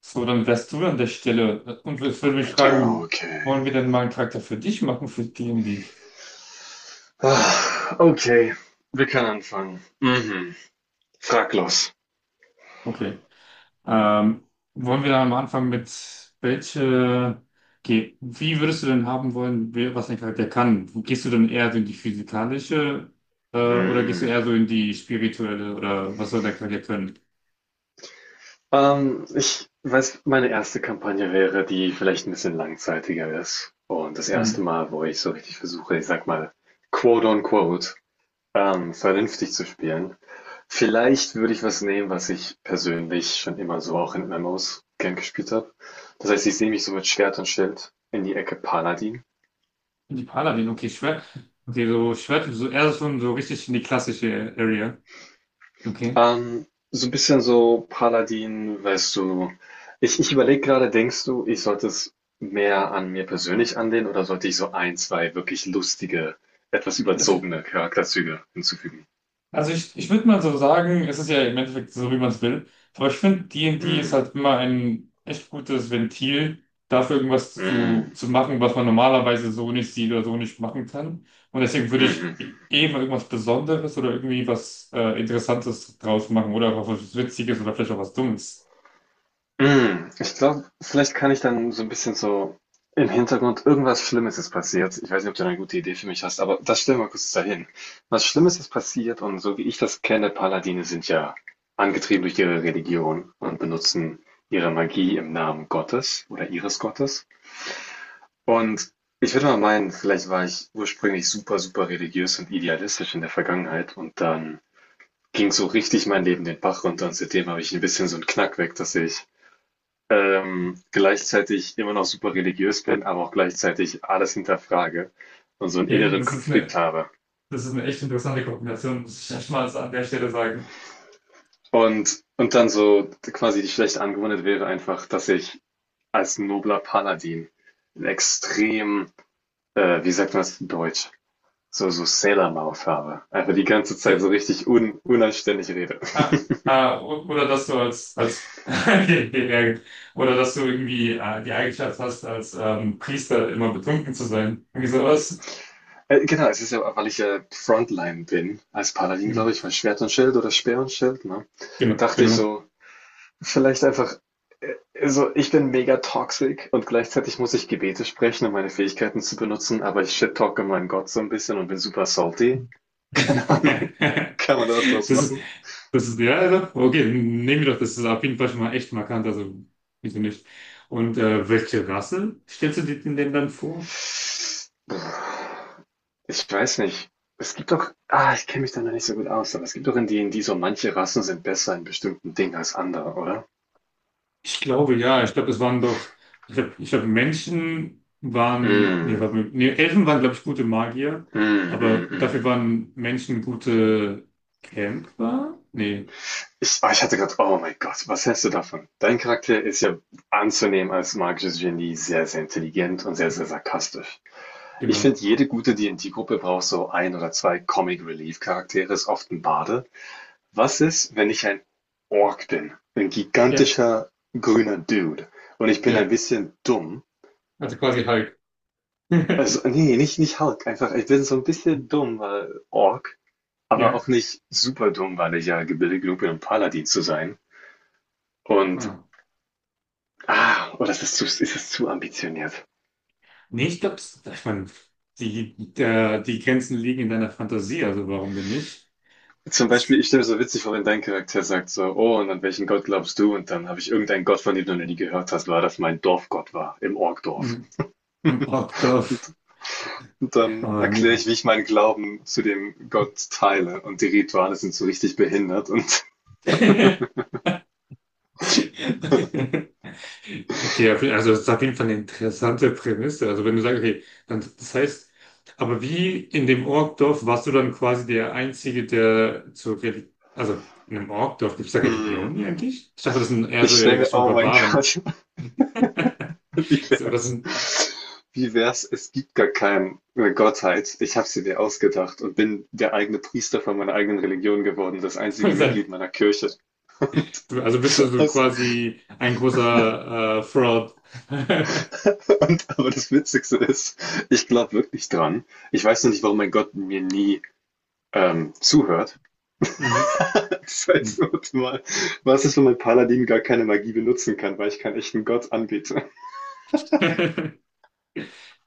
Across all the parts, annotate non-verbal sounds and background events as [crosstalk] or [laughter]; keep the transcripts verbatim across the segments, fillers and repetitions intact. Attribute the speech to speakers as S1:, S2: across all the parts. S1: So, dann wärst du an der Stelle. Und ich würde mich fragen,
S2: Okay.
S1: wollen wir denn mal einen Charakter für dich machen, für die und die?
S2: Ah, Okay, wir können anfangen. Mhm. Frag los.
S1: Okay. Ähm, wollen wir dann am Anfang mit welche, okay, wie würdest du denn haben wollen, wer- was ein Charakter kann? Gehst du dann eher so in die physikalische, äh, oder gehst du eher
S2: Mhm.
S1: so in die spirituelle oder was soll der Charakter können?
S2: Ähm, ich weiß, meine erste Kampagne wäre, die vielleicht ein bisschen langzeitiger ist. Und das erste
S1: Mhm.
S2: Mal, wo ich so richtig versuche, ich sag mal, quote on quote, ähm, vernünftig zu spielen. Vielleicht würde ich was nehmen, was ich persönlich schon immer so auch in M M Os gern gespielt habe. Das heißt, ich sehe mich so mit Schwert und Schild in die Ecke Paladin.
S1: In die Paladin, okay, Schwert. Okay, so Schwert, so eher so so richtig in die klassische Area. Okay.
S2: Ähm, so ein bisschen so Paladin, weißt du. Ich ich überlege gerade, denkst du, ich sollte es mehr an mir persönlich anlehnen, oder sollte ich so ein zwei wirklich lustige, etwas überzogene Charakterzüge hinzufügen?
S1: Also ich, ich würde mal so sagen, es ist ja im Endeffekt so, wie man es will. Aber ich finde, D und D and D ist
S2: Mhm.
S1: halt immer ein echt gutes Ventil dafür, irgendwas zu,
S2: Mhm.
S1: zu machen, was man normalerweise so nicht sieht oder so nicht machen kann. Und deswegen würde ich
S2: Mhm.
S1: eh mal irgendwas Besonderes oder irgendwie was äh, Interessantes draus machen oder auch was Witziges oder vielleicht auch was Dummes.
S2: Hm, ich glaube, vielleicht kann ich dann so ein bisschen so im Hintergrund irgendwas Schlimmes ist passiert. Ich weiß nicht, ob du da 'ne gute Idee für mich hast, aber das stellen wir mal kurz dahin. Was Schlimmes ist passiert, und so wie ich das kenne, Paladine sind ja angetrieben durch ihre Religion und benutzen ihre Magie im Namen Gottes oder ihres Gottes. Und ich würde mal meinen, vielleicht war ich ursprünglich super, super religiös und idealistisch in der Vergangenheit, und dann ging so richtig mein Leben den Bach runter, und seitdem habe ich ein bisschen so 'n Knack weg, dass ich ähm, gleichzeitig immer noch super religiös bin, aber auch gleichzeitig alles hinterfrage und so einen
S1: Okay,
S2: inneren
S1: das ist
S2: Konflikt
S1: eine,
S2: habe.
S1: das ist eine echt interessante Kombination, muss ich erstmal an der Stelle sagen.
S2: Und, und dann so quasi die schlechte Angewohnheit wäre einfach, dass ich als nobler Paladin ein extrem, äh, wie sagt man das in Deutsch, so, so Sailor Mouth habe. Einfach die ganze Zeit so richtig un, unanständig rede.
S1: Ah, ah, o- oder dass du als, als [laughs] oder dass du irgendwie äh, die Eigenschaft hast, als ähm, Priester immer betrunken zu sein. Irgendwie sowas.
S2: Äh, genau, es ist ja, weil ich äh, Frontline bin, als Paladin,
S1: Hm.
S2: glaube ich, weil Schwert und Schild oder Speer und Schild, ne?
S1: Genau,
S2: Dachte ich
S1: genau.
S2: so, vielleicht einfach, äh, also ich bin mega toxic und gleichzeitig muss ich Gebete sprechen, um meine Fähigkeiten zu benutzen, aber ich shit-talke meinen Gott so ein bisschen und bin super salty. [laughs] Keine Ahnung,
S1: [laughs]
S2: kann man da was draus
S1: Das ist,
S2: machen?
S1: das ist, ja, ja, okay, nehmen wir doch, das ist auf jeden Fall schon mal echt markant, also wieso nicht? Und äh, welche Rasse stellst du dir denn dann vor?
S2: Ich weiß nicht. Es gibt doch, ah, ich kenne mich da noch nicht so gut aus, aber es gibt doch in D und D so manche Rassen sind besser in bestimmten Dingen als andere, oder?
S1: Ich glaube ja, ich glaube, es waren doch, ich glaube, ich glaub, Menschen waren, nee,
S2: Mm,
S1: warte mal, nee, Elfen waren, glaube ich, gute Magier,
S2: mm,
S1: aber
S2: mm, mm,
S1: dafür
S2: mm.
S1: waren Menschen gute Kämpfer? Nee,
S2: Ich, ah, ich hatte gerade, oh mein Gott, was hältst du davon? Dein Charakter ist ja anzunehmen als magisches Genie sehr, sehr intelligent und sehr, sehr sarkastisch. Ich
S1: genau.
S2: finde, jede gute d D&D-Gruppe braucht so ein oder zwei Comic-Relief-Charaktere, ist oft ein Bade. Was ist, wenn ich ein Ork bin? Ein
S1: Ja,
S2: gigantischer, grüner Dude. Und ich bin ein
S1: ja,
S2: bisschen dumm.
S1: also quasi Hulk.
S2: Also,
S1: [laughs]
S2: nee, nicht, nicht Hulk, einfach, ich bin so ein bisschen dumm, weil Ork, aber
S1: Ja.
S2: auch nicht super dumm, weil ich ja gebildet genug bin, um Paladin zu sein. Und
S1: Ah.
S2: ah, oh, das ist zu, ist das zu ambitioniert?
S1: Nee, ich glaube, ich meine, die, der, die Grenzen liegen in deiner Fantasie, also warum denn nicht?
S2: Zum Beispiel,
S1: Es,
S2: ich stelle mir so witzig vor, wenn dein Charakter sagt so, oh, und an welchen Gott glaubst du? Und dann habe ich irgendeinen Gott, von dem du noch nie gehört hast, weil das mein Dorfgott war, im Orkdorf.
S1: Im Brockdorf.
S2: Und, und dann
S1: Oh,
S2: erkläre ich,
S1: nee.
S2: wie ich meinen Glauben zu dem Gott teile. Und die Rituale sind so richtig behindert. Und
S1: [laughs] Okay, auf jeden- also das ist auf jeden Fall eine interessante Prämisse. Also wenn du sagst, okay, dann das heißt, aber wie in dem Orkdorf warst du dann quasi der Einzige, der zur Religion, also in einem Orkdorf gibt es da Religionen eigentlich? Ich dachte, das sind
S2: [laughs]
S1: eher so
S2: ich
S1: in
S2: stelle mir,
S1: Richtung
S2: oh mein
S1: Barbaren.
S2: Gott,
S1: [laughs]
S2: [laughs] wie
S1: So, das
S2: wär's?
S1: sind,
S2: Wie wär's? Es gibt gar keine Gottheit. Ich habe sie mir ausgedacht und bin der eigene Priester von meiner eigenen Religion geworden, das einzige
S1: das sind-
S2: Mitglied meiner Kirche.
S1: also bist du
S2: [laughs]
S1: so
S2: Das,
S1: quasi ein großer äh, Fraud. [laughs]
S2: und, aber das Witzigste ist, ich glaube wirklich dran. Ich weiß noch nicht, warum mein Gott mir nie ähm, zuhört.
S1: Mhm.
S2: [laughs] Das heißt, warte mal, was ist, wenn mein Paladin gar keine Magie benutzen kann, weil ich keinen echten Gott anbiete?
S1: [laughs]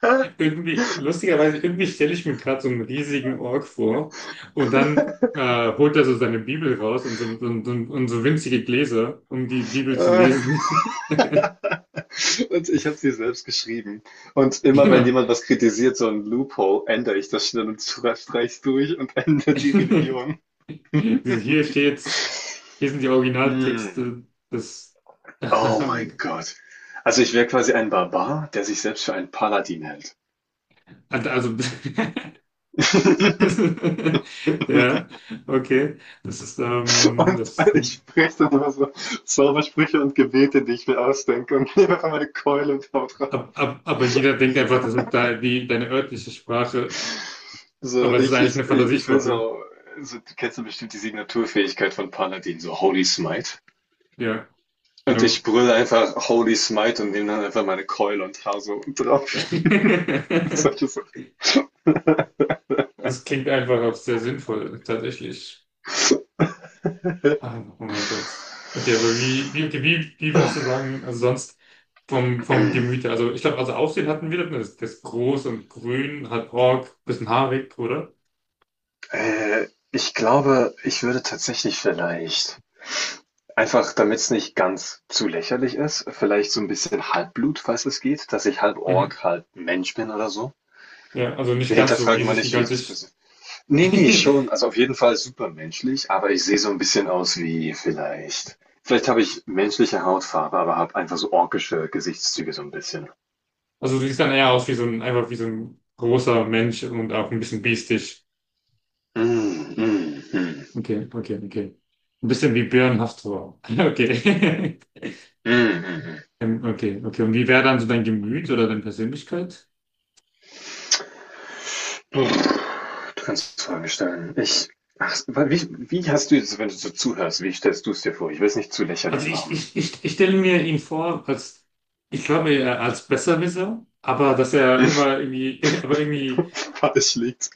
S2: [laughs]
S1: Irgendwie, lustigerweise, irgendwie stelle ich mir gerade so einen riesigen Ork vor und dann äh, holt er so seine Bibel raus und so, so, so, und so winzige Gläser, um die Bibel zu
S2: Äh,
S1: lesen. [laughs]
S2: [laughs] und ich habe sie selbst geschrieben. Und immer wenn
S1: Genau.
S2: jemand was kritisiert, so ein Loophole, ändere ich das schnell und streich durch und [laughs]
S1: [laughs]
S2: ändere die
S1: Dieses
S2: Religion.
S1: Hier steht's, hier sind die
S2: Mm.
S1: Originaltexte des. [laughs]
S2: Oh mein Gott. Also ich wäre quasi ein Barbar, der sich selbst für einen Paladin hält.
S1: Also, [laughs] das
S2: [laughs]
S1: ist- ja, okay. Das ist, ähm,
S2: Und
S1: das,
S2: ich spreche dann immer so Zaubersprüche und Gebete, die ich mir ausdenke und [laughs] nehme einfach meine Keule und hau drauf.
S1: ab, ab, aber jeder denkt einfach, das ist da die, deine örtliche Sprache. Aber
S2: So,
S1: es ist
S2: ich,
S1: eigentlich eine
S2: ich, ich, ich will
S1: Fantasiesprache.
S2: so, so, du kennst ja bestimmt die Signaturfähigkeit von Paladin, so Holy Smite.
S1: Ja,
S2: Und ich
S1: genau.
S2: brülle einfach Holy Smite und nehme dann einfach meine Keule und hau so drauf. [laughs] Und
S1: [laughs]
S2: solche so.
S1: Das klingt einfach auch sehr sinnvoll, tatsächlich. Ah, oh mein Gott. Okay, aber wie, wie, okay, wie, wie würdest du sagen, also sonst vom, vom Gemüte. Also ich glaube, also Aussehen hatten wir, das, das groß und grün, hat Ork, bisschen haarig, oder?
S2: Äh, ich glaube, ich würde tatsächlich vielleicht, einfach damit es nicht ganz zu lächerlich ist, vielleicht so ein bisschen Halbblut, falls es geht, dass ich halb
S1: Mhm.
S2: Ork, halb Mensch bin oder so.
S1: Ja, also nicht
S2: Wir
S1: ganz so
S2: hinterfragen mal
S1: riesig,
S2: nicht jedes
S1: gigantisch.
S2: bisschen. Ne, ne,
S1: [laughs]
S2: schon. Also auf jeden Fall super menschlich, aber ich sehe so ein bisschen aus wie vielleicht, vielleicht habe ich menschliche Hautfarbe, aber habe einfach so orkische Gesichtszüge so ein bisschen.
S1: Also du siehst dann eher aus wie so ein, einfach wie so ein großer Mensch und auch ein bisschen biestisch.
S2: Hm, mhm, mhm,
S1: Okay, okay, okay. Ein bisschen wie Björn hast [laughs] Okay.
S2: mhm, mhm.
S1: Ähm, Okay, okay. Und wie wäre dann so dein Gemüt oder deine Persönlichkeit?
S2: Du kannst Fragen stellen. Ich ach, wa wie, wie hast du jetzt, wenn du so zuhörst, wie stellst du es dir vor? Ich will es nicht zu
S1: Also
S2: lächerlich
S1: ich,
S2: machen.
S1: ich, ich, ich stelle mir ihn vor, als, ich glaube, er als Besserwisser, aber dass er
S2: [laughs]
S1: immer irgendwie, [laughs] aber irgendwie,
S2: Falsch liegt.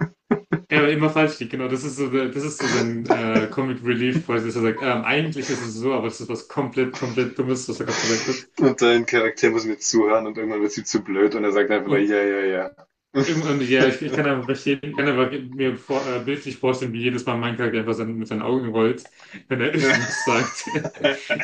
S1: er immer falsch liegt, genau. Das ist so, der- das ist so sein äh, Comic Relief, quasi, dass er sagt, ähm, eigentlich ist es so, aber das ist was komplett, komplett Dummes, was er gerade gesagt hat.
S2: Und dein Charakter muss mir zuhören und irgendwann wird sie zu blöd und er sagt einfach nur:
S1: Und,
S2: „Ja, ja,
S1: irgendwann, ja, ich, ich kann einfach verstehen, kann einfach mir vor, äh, bildlich vorstellen, wie jedes Mal mein Charakter einfach sein, mit seinen Augen rollt, wenn er [laughs]
S2: ja.“
S1: irgendwas sagt. [laughs]
S2: [laughs]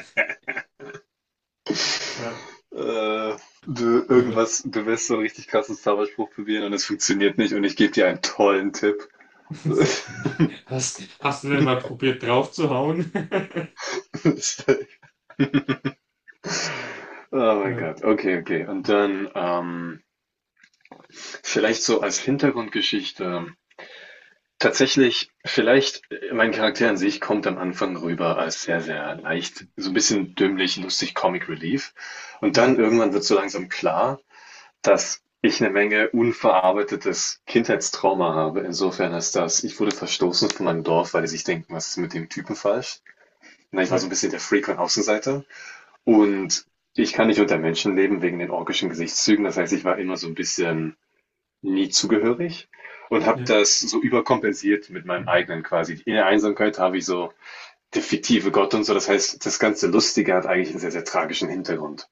S1: Ja.
S2: äh, will
S1: Ja.
S2: irgendwas bewusst so einen richtig krassen Star Wars Spruch probieren und es funktioniert nicht und ich gebe dir einen tollen Tipp. [laughs]
S1: [laughs]
S2: Oh
S1: So, hast, hast du denn mal probiert draufzuhauen? [laughs]
S2: mein
S1: Ja,
S2: Gott, okay, okay. Und dann ähm, vielleicht so als Hintergrundgeschichte. Tatsächlich, vielleicht, äh, mein Charakter an sich kommt am Anfang rüber als sehr, sehr leicht, so ein bisschen dümmlich, lustig, Comic Relief. Und
S1: ja,
S2: dann irgendwann wird so langsam klar, dass ich eine Menge unverarbeitetes Kindheitstrauma habe, insofern als das, ich wurde verstoßen von meinem Dorf, weil die sich denken: „Was ist mit dem Typen falsch?“ Ne, ich war so ein
S1: ja,
S2: bisschen der Freak und Außenseiter, und ich kann nicht unter Menschen leben wegen den orkischen Gesichtszügen. Das heißt, ich war immer so ein bisschen nie zugehörig und habe
S1: ja.
S2: das so überkompensiert mit meinem eigenen quasi. In der Einsamkeit habe ich so der fiktive Gott und so. Das heißt, das ganze Lustige hat eigentlich einen sehr, sehr tragischen Hintergrund.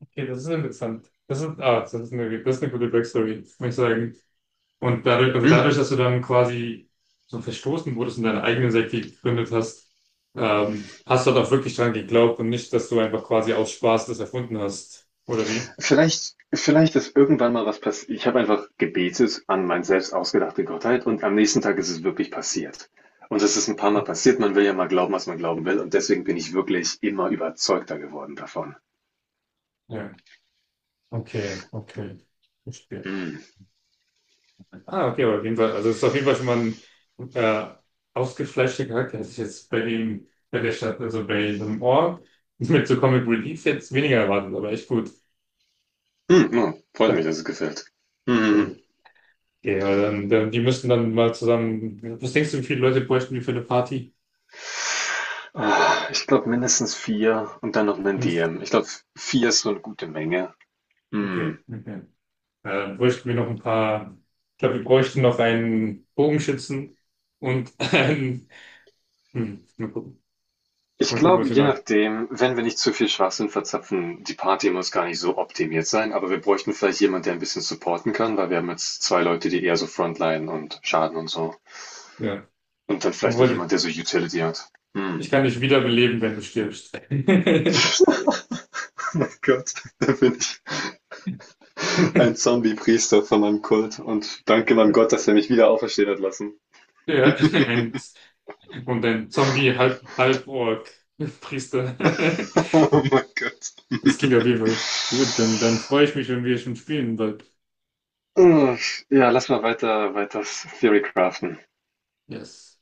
S1: Okay, das ist interessant. Das ist, ah, das ist eine, das ist eine gute Backstory, muss ich sagen. Und dadurch, also
S2: Mm.
S1: dadurch, dass du dann quasi so verstoßen wurdest und deine eigene Sekte gegründet hast, ähm, hast du halt auch wirklich dran geglaubt und nicht, dass du einfach quasi aus Spaß das erfunden hast, oder wie?
S2: Vielleicht, vielleicht ist irgendwann mal was passiert. Ich habe einfach gebetet an meine selbst ausgedachte Gottheit und am nächsten Tag ist es wirklich passiert. Und es ist ein paar Mal passiert. Man will ja mal glauben, was man glauben will und deswegen bin ich wirklich immer überzeugter geworden davon.
S1: Ja, okay, okay. Verstehe.
S2: Mhm.
S1: Ah, okay, aber auf jeden Fall, also es ist auf jeden Fall schon mal ein äh, ausgefleischter Charakter, hätte ich jetzt bei dem, bei der Stadt, also bei dem Ort [laughs] mit so Comic Relief jetzt weniger erwartet, aber echt gut.
S2: Hm, ja, freut mich,
S1: Ja,
S2: dass es gefällt. Mhm.
S1: okay, aber dann, dann, die müssten dann mal zusammen, was denkst du, wie viele Leute bräuchten wir für eine Party?
S2: Ich glaube mindestens vier und dann noch 'nen
S1: Mist.
S2: D M. Ich glaube, vier ist so eine gute Menge.
S1: Okay,
S2: Mhm.
S1: okay. Äh, bräuchten wir noch ein paar, ich glaube, wir bräuchten noch einen Bogenschützen und [laughs] einen, hm, mal gucken,
S2: Ich
S1: mal gucken, was
S2: glaube,
S1: wir
S2: je
S1: noch,
S2: nachdem, wenn wir nicht zu viel Schwachsinn verzapfen, die Party muss gar nicht so optimiert sein, aber wir bräuchten vielleicht jemanden, der ein bisschen supporten kann, weil wir haben jetzt zwei Leute, die eher so Frontline und Schaden und so.
S1: ja.
S2: Und dann vielleicht noch
S1: Obwohl,
S2: jemand, der so Utility hat. Hm.
S1: ich
S2: [laughs]
S1: kann dich wiederbeleben, wenn du stirbst. [laughs]
S2: Oh mein Gott, da bin ich ein
S1: [laughs]
S2: Zombie-Priester von meinem Kult und danke meinem Gott, dass er mich wieder auferstehen hat lassen.
S1: Ja, ein, und ein Zombie halb halb Ork Priester.
S2: [laughs] Oh
S1: [laughs]
S2: mein Gott.
S1: Das klingt auf jeden Fall gut. Dann, dann freue ich mich, wenn wir schon spielen bald.
S2: Ugh. Ja, lass mal weiter, weiter Theory craften.
S1: Yes.